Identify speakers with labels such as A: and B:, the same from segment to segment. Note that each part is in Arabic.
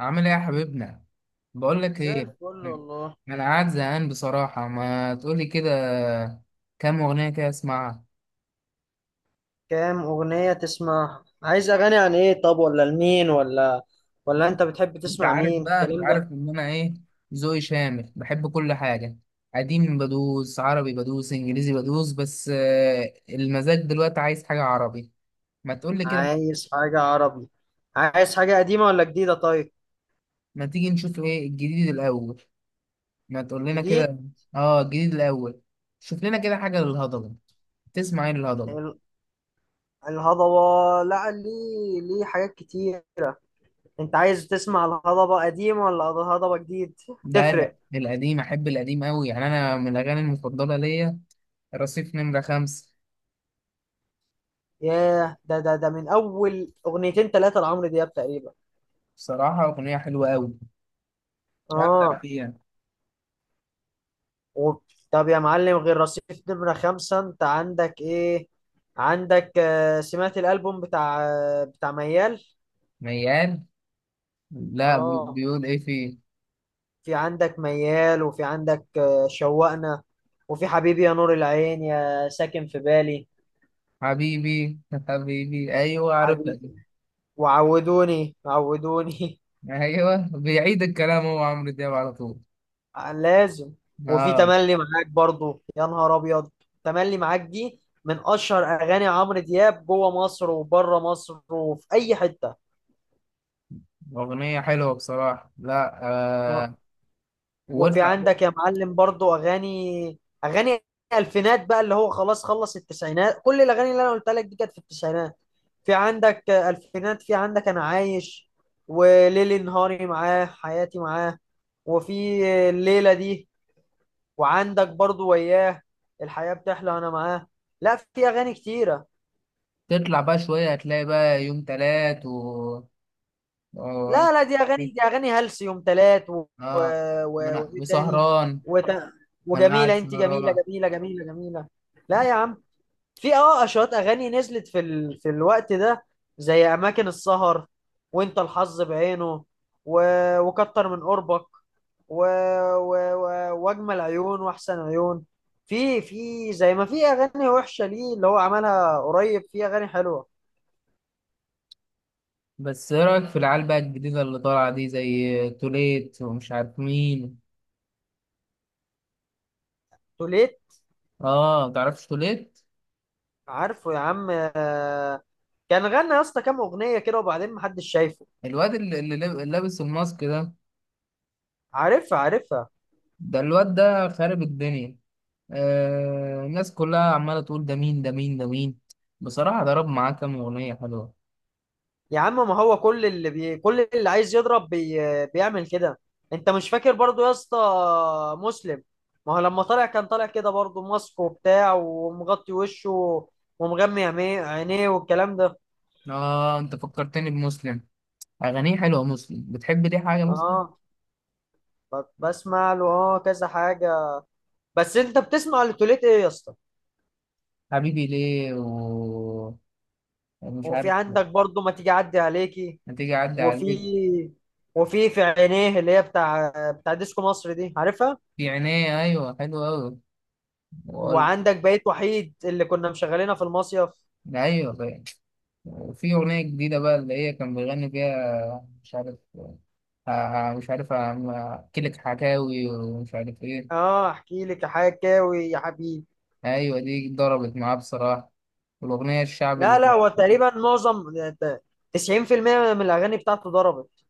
A: عامل ايه يا حبيبنا؟ بقول لك
B: زي
A: ايه،
B: الفل والله.
A: انا قاعد زهقان بصراحه، ما تقولي كده كام اغنيه كده اسمعها.
B: كام أغنية تسمعها؟ عايز أغاني عن إيه؟ طب ولا لمين، ولا أنت بتحب
A: انت
B: تسمع
A: عارف
B: مين؟
A: بقى، انت
B: الكلام ده.
A: عارف ان انا ايه، ذوقي شامل بحب كل حاجه. قديم بدوس، عربي بدوس، انجليزي بدوس، بس المزاج دلوقتي عايز حاجه عربي. ما تقولي كده،
B: عايز حاجة عربي؟ عايز حاجة قديمة ولا جديدة؟ طيب.
A: ما تيجي نشوف ايه الجديد الاول؟ ما تقول لنا
B: الجديد.
A: كده. اه الجديد الاول، شوف لنا كده حاجه للهضبه. تسمع ايه للهضبه؟
B: ال- الهضبة لا، ليه؟ ليه حاجات كتيرة. أنت عايز تسمع الهضبة قديم ولا الهضبة جديد؟
A: ده لا،
B: تفرق.
A: القديم احب، القديم قوي يعني، انا من الاغاني المفضله ليا رصيف نمره خمسة.
B: ياه، ده من أول أغنيتين تلاتة لعمرو دياب تقريبا.
A: بصراحه اغنيه حلوه قوي، هبدع
B: آه.
A: فيها.
B: و... طب يا معلم، غير رصيف نمرة خمسة انت عندك ايه؟ عندك سمعت الألبوم بتاع ميال؟
A: ميال، لا
B: اه.
A: بيقول ايه فيه؟
B: في عندك ميال، وفي عندك شوقنا، وفي حبيبي يا نور العين، يا ساكن في بالي.
A: حبيبي، حبيبي ايوه عرفتك.
B: حبيبي، وعودوني عودوني.
A: ايوه بيعيد الكلام هو عمرو دياب على طول.
B: لازم. وفي
A: اه
B: تملي معاك برضو، يا نهار ابيض. تملي معاك دي من اشهر اغاني عمرو دياب جوه مصر وبره مصر وفي اي حته.
A: اغنيه حلوه بصراحه. لا، آه،
B: وفي
A: واطلع.
B: عندك يا معلم برضو اغاني الفينات، بقى اللي هو خلاص، خلص التسعينات. كل الاغاني اللي انا قلت لك دي كانت في التسعينات. في عندك الفينات، في عندك انا عايش، وليلي نهاري معاه، حياتي معاه، وفي الليله دي، وعندك برضو وياه، الحياه بتحلى انا معاه. لا، في اغاني كتيره.
A: تطلع بقى شويه هتلاقي بقى يوم تلات و-
B: لا لا، دي اغاني، دي اغاني هلس يوم تلات
A: اه، ما انا
B: وايه تاني؟
A: وسهران،
B: وت...
A: انا قاعد
B: وجميله انت جميله
A: سهران.
B: جميله جميله جميله. لا يا عم، في اشواط اغاني نزلت في الوقت ده، زي اماكن السهر، وانت الحظ بعينه، و... وكتر من قربك، و... و... و... واجمل عيون، واحسن عيون. في زي ما في اغاني وحشه ليه، اللي هو عملها قريب في اغاني حلوه.
A: بس ايه رأيك في العيال بقى الجديدة اللي طالعة دي، زي توليت ومش عارف مين؟
B: توليت؟
A: اه، متعرفش توليت؟
B: عارفه يا عم. كان غنى يا اسطى كام اغنيه كده وبعدين محدش شايفه.
A: الواد اللي لابس الماسك ده،
B: عارفها عارفها.
A: ده الواد ده خارب الدنيا. آه الناس كلها عمالة تقول ده مين، ده مين، ده مين؟ بصراحة ضرب معاه كام أغنية حلوة.
B: يا عم ما هو كل اللي عايز يضرب بيعمل كده. انت مش فاكر برضو يا اسطى مسلم؟ ما هو لما طلع كان طالع كده برضو، ماسك وبتاع ومغطي وشه ومغمي عينيه والكلام ده.
A: اه انت فكرتني بمسلم. أغانيه حلوة مسلم، بتحب دي حاجة مسلم؟
B: اه. بسمع له كذا حاجة. بس انت بتسمع لتوليت ايه يا اسطى؟
A: حبيبي ليه، و مش
B: وفي
A: عارف،
B: عندك برضو ما تيجي اعدي عليكي،
A: هتيجي أعدي
B: وفي
A: عليك،
B: وفي في عينيه اللي هي بتاع ديسكو مصر دي، عارفها.
A: في عينيه، أيوة حلوة أوي. وقول-
B: وعندك بقيت وحيد اللي كنا مشغلينها في المصيف.
A: أيوة، في أغنية جديدة بقى اللي هي كان بيغني فيها، مش عارف، مش عارف، أحكيلك حكاوي ومش عارف إيه.
B: اه، احكي لك يا حكاوي يا حبيبي.
A: أيوة دي ضربت معاه بصراحة. والأغنية الشعبي اللي
B: لا لا،
A: كنت.
B: هو تقريبا معظم 90% من الاغاني بتاعته ضربت.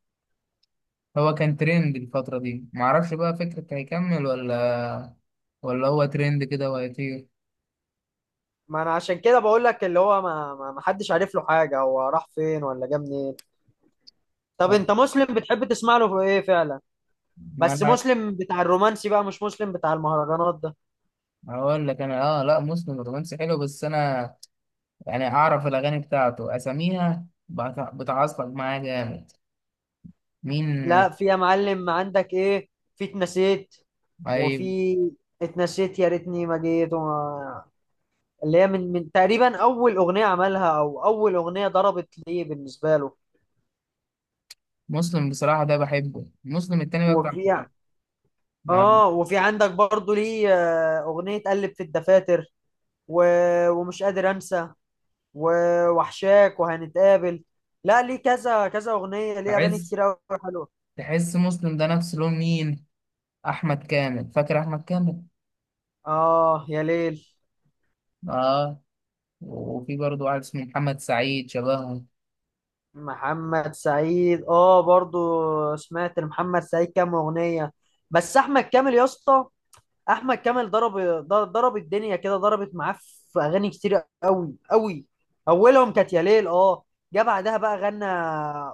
A: هو كان ترند الفترة دي، معرفش بقى فكرة هيكمل ولا، ولا هو ترند كده وهيطير.
B: ما انا عشان كده بقول لك اللي هو ما حدش عارف له حاجه، هو راح فين ولا جه منين. طب
A: آه.
B: انت مسلم بتحب تسمع له في ايه فعلا؟
A: ما
B: بس
A: أنا
B: مسلم بتاع الرومانسي بقى، مش مسلم بتاع المهرجانات ده.
A: هقول لك أنا، آه لا، مسلم الرومانسي حلو، بس أنا يعني أعرف الأغاني بتاعته أساميها بتعصب معايا جامد. مين؟
B: لا، في يا معلم عندك ايه، في اتنسيت، وفي
A: أيوة
B: اتنسيت يا ريتني ما جيت اللي هي من تقريبا اول اغنيه عملها او اول اغنيه ضربت ليه بالنسبه له.
A: مسلم بصراحة ده بحبه، مسلم التاني بقى بتاع
B: وفي
A: المنتخب.
B: ع-
A: مع-
B: اه وفي عندك برضو ليه اغنية قلب في الدفاتر، و... ومش قادر انسى، و... وحشاك وهنتقابل. لا ليه كذا كذا اغنية ليه، اغاني
A: بحس،
B: كتير قوي، حلوة.
A: تحس مسلم ده نفس لون مين؟ أحمد كامل، فاكر أحمد كامل؟
B: اه يا ليل.
A: آه، وفي برضه واحد اسمه محمد سعيد شبهه.
B: محمد سعيد برضو. سمعت لمحمد سعيد كام اغنية. بس احمد كامل يا اسطى، احمد كامل ضرب، ضرب الدنيا كده، ضربت معاه، في اغاني كتير قوي قوي. اولهم كانت يا ليل، اه. جه بعدها بقى غنى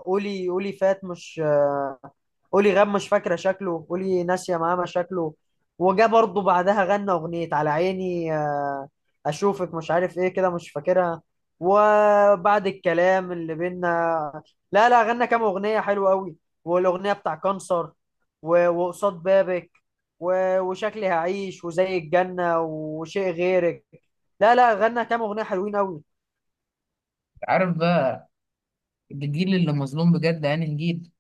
B: قولي، قولي فات، مش قولي غاب، مش فاكرة شكله، قولي ناسية ماما شكله. وجا برضه بعدها غنى أغنية على عيني أشوفك مش عارف إيه كده مش فاكرها. وبعد الكلام اللي بينا. لا لا غنى كام أغنية حلوة أوي. والأغنية بتاع كانسر، و- وقصاد بابك، و- وشكلي هعيش، وزي الجنة، وشيء غيرك. لا لا غنى كام أغنية حلوين أوي.
A: عارف بقى الجيل اللي مظلوم بجد أنهي جيل؟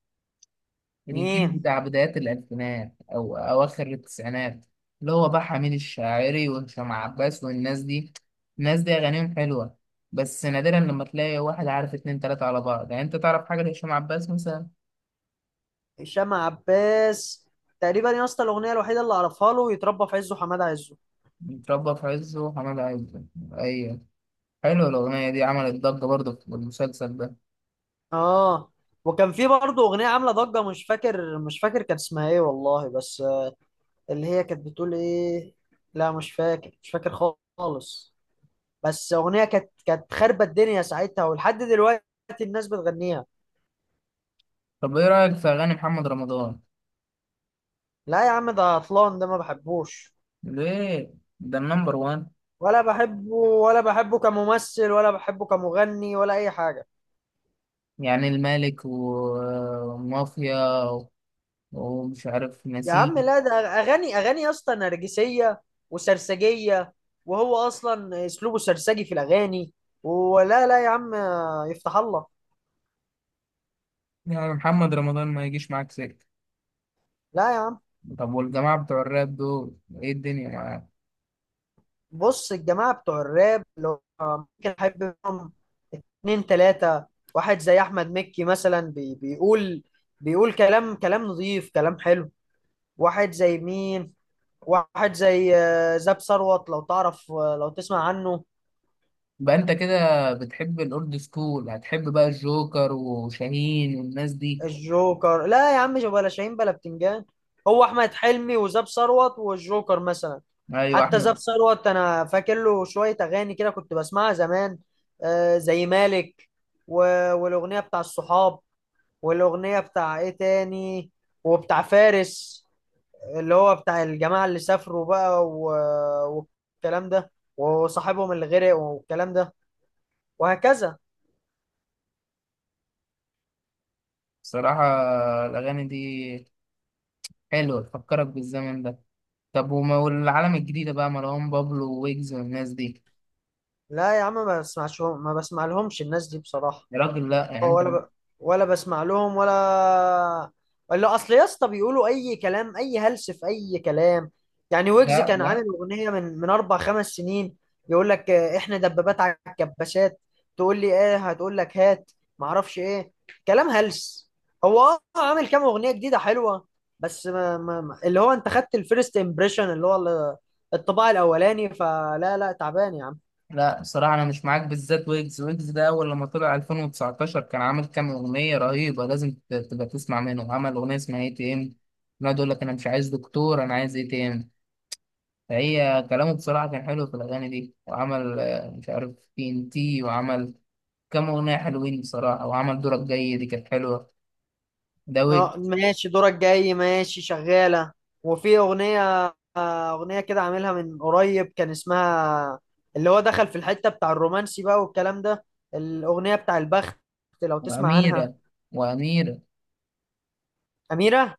A: الجيل
B: مين؟
A: بتاع بدايات الألفينات أو أواخر التسعينات، اللي هو بقى حميد الشاعري وهشام عباس والناس دي. الناس دي أغانيهم حلوة، بس نادرا لما تلاقي واحد عارف اتنين تلاتة على بعض. يعني أنت تعرف حاجة لهشام عباس مثلا؟
B: هشام عباس؟ تقريبا يا اسطى الأغنية الوحيدة اللي أعرفها له يتربى في عزه حماد عزه.
A: اتربى في عزه وحماد عزه، ايوه. حلوه الاغنيه دي، عملت ضجه برضه في المسلسل ده.
B: اه، وكان في برضه اغنيه عامله ضجه مش فاكر مش فاكر كانت اسمها ايه والله بس اللي هي كانت بتقول ايه، لا مش فاكر مش فاكر خالص. بس اغنيه كانت خربت الدنيا ساعتها ولحد دلوقتي الناس بتغنيها.
A: طب ايه رايك في اغاني محمد رمضان؟
B: لا يا عم، ده عطلان، ده ما بحبوش.
A: ليه؟ ده النمبر وان،
B: ولا بحبه، ولا بحبه كممثل، ولا بحبه كمغني، ولا اي حاجه.
A: يعني الملك ومافيا ومش عارف
B: يا عم
A: نسيم.
B: لا، ده اغاني يا اسطى نرجسيه وسرسجيه، وهو اصلا اسلوبه سرسجي في الاغاني. ولا لا يا عم، يفتح الله.
A: يعني محمد رمضان ما يجيش معاك سكه؟
B: لا يا عم،
A: طب والجماعه بتوع الراب دول، ايه الدنيا معاك؟
B: بص، الجماعه بتوع الراب لو كان حابب منهم اتنين تلاته، واحد زي احمد مكي مثلا بيقول، بيقول كلام كلام نظيف كلام حلو. واحد زي مين؟ واحد زي زاب ثروت، لو تعرف، لو تسمع عنه.
A: بقى انت كده بتحب الاولد سكول، هتحب بقى الجوكر وشاهين والناس دي.
B: الجوكر؟ لا يا عم، بلا شاهين بلا بتنجان. هو احمد حلمي وزاب ثروت والجوكر مثلا.
A: ايوه
B: حتى
A: احمد.
B: زاب ثروت انا فاكر له شويه اغاني كده كنت بسمعها زمان، زي مالك، و... والاغنيه بتاع الصحاب، والاغنيه بتاع ايه تاني، وبتاع فارس اللي هو بتاع الجماعه اللي سافروا بقى والكلام ده، وصاحبهم اللي غرق والكلام ده، وهكذا.
A: صراحه الاغاني دي حلو تفكرك بالزمن ده. طب وما والعالم الجديدة بقى، مروان بابلو ويجز والناس دي؟
B: لا يا عم ما بسمعش، ما بسمع لهمش الناس دي بصراحه.
A: يا راجل لا، يعني انت،
B: ولا ب... ولا بسمع لهم، ولا اصل يا اسطى بيقولوا اي كلام، اي هلس في اي كلام. يعني ويجز
A: لا
B: كان عامل
A: لا
B: اغنيه من اربع خمس سنين. يقول لك احنا دبابات على الكباسات، تقول لي ايه، هتقول لك هات ما اعرفش ايه، كلام هلس. هو عامل كام اغنيه جديده حلوه. بس اللي هو انت خدت الفيرست امبريشن اللي هو الطباع الاولاني، فلا لا تعبان يا عم.
A: لا الصراحة أنا مش معاك، بالذات ويجز. ويجز ده أول لما طلع 2019 كان عامل كام أغنية رهيبة، لازم تبقى تسمع منه. عمل أغنية اسمها اي تي ام، يقعد يقول لك أنا مش عايز دكتور أنا عايز اي تي ام. فهي كلامه بصراحة كان حلو في الأغاني دي. وعمل مش عارف تي ان تي، وعمل كام أغنية حلوين بصراحة، وعمل دورك جاي دي كانت حلوة ده.
B: اه ماشي، دورك جاي ماشي شغالة. وفي أغنية كده عاملها من قريب كان اسمها، اللي هو دخل في الحتة بتاع الرومانسي بقى والكلام ده، الأغنية بتاع البخت، لو تسمع عنها.
A: وأميرة، وأميرة،
B: أميرة.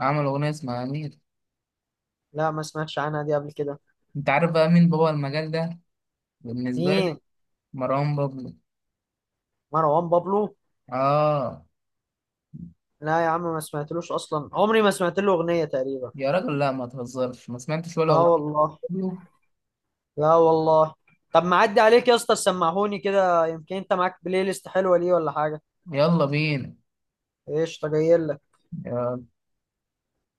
A: عمل أغنية اسمها أميرة.
B: لا ما سمعتش عنها دي قبل كده.
A: أنت عارف بقى مين بابا المجال ده بالنسبة لي؟
B: مين؟
A: مروان بابلو،
B: مروان بابلو؟
A: آه.
B: لا يا عم ما سمعتلوش أصلا، عمري ما سمعت له أغنية تقريبا.
A: يا راجل لا ما تهزرش، ما سمعتش ولا
B: اه
A: أغنية
B: والله.
A: له؟
B: لا والله. طب معدي عليك يا اسطى سمعهوني كده، يمكن انت معاك بلاي ليست حلوة ليه ولا حاجة.
A: يلا بينا.
B: ايش تجيلك.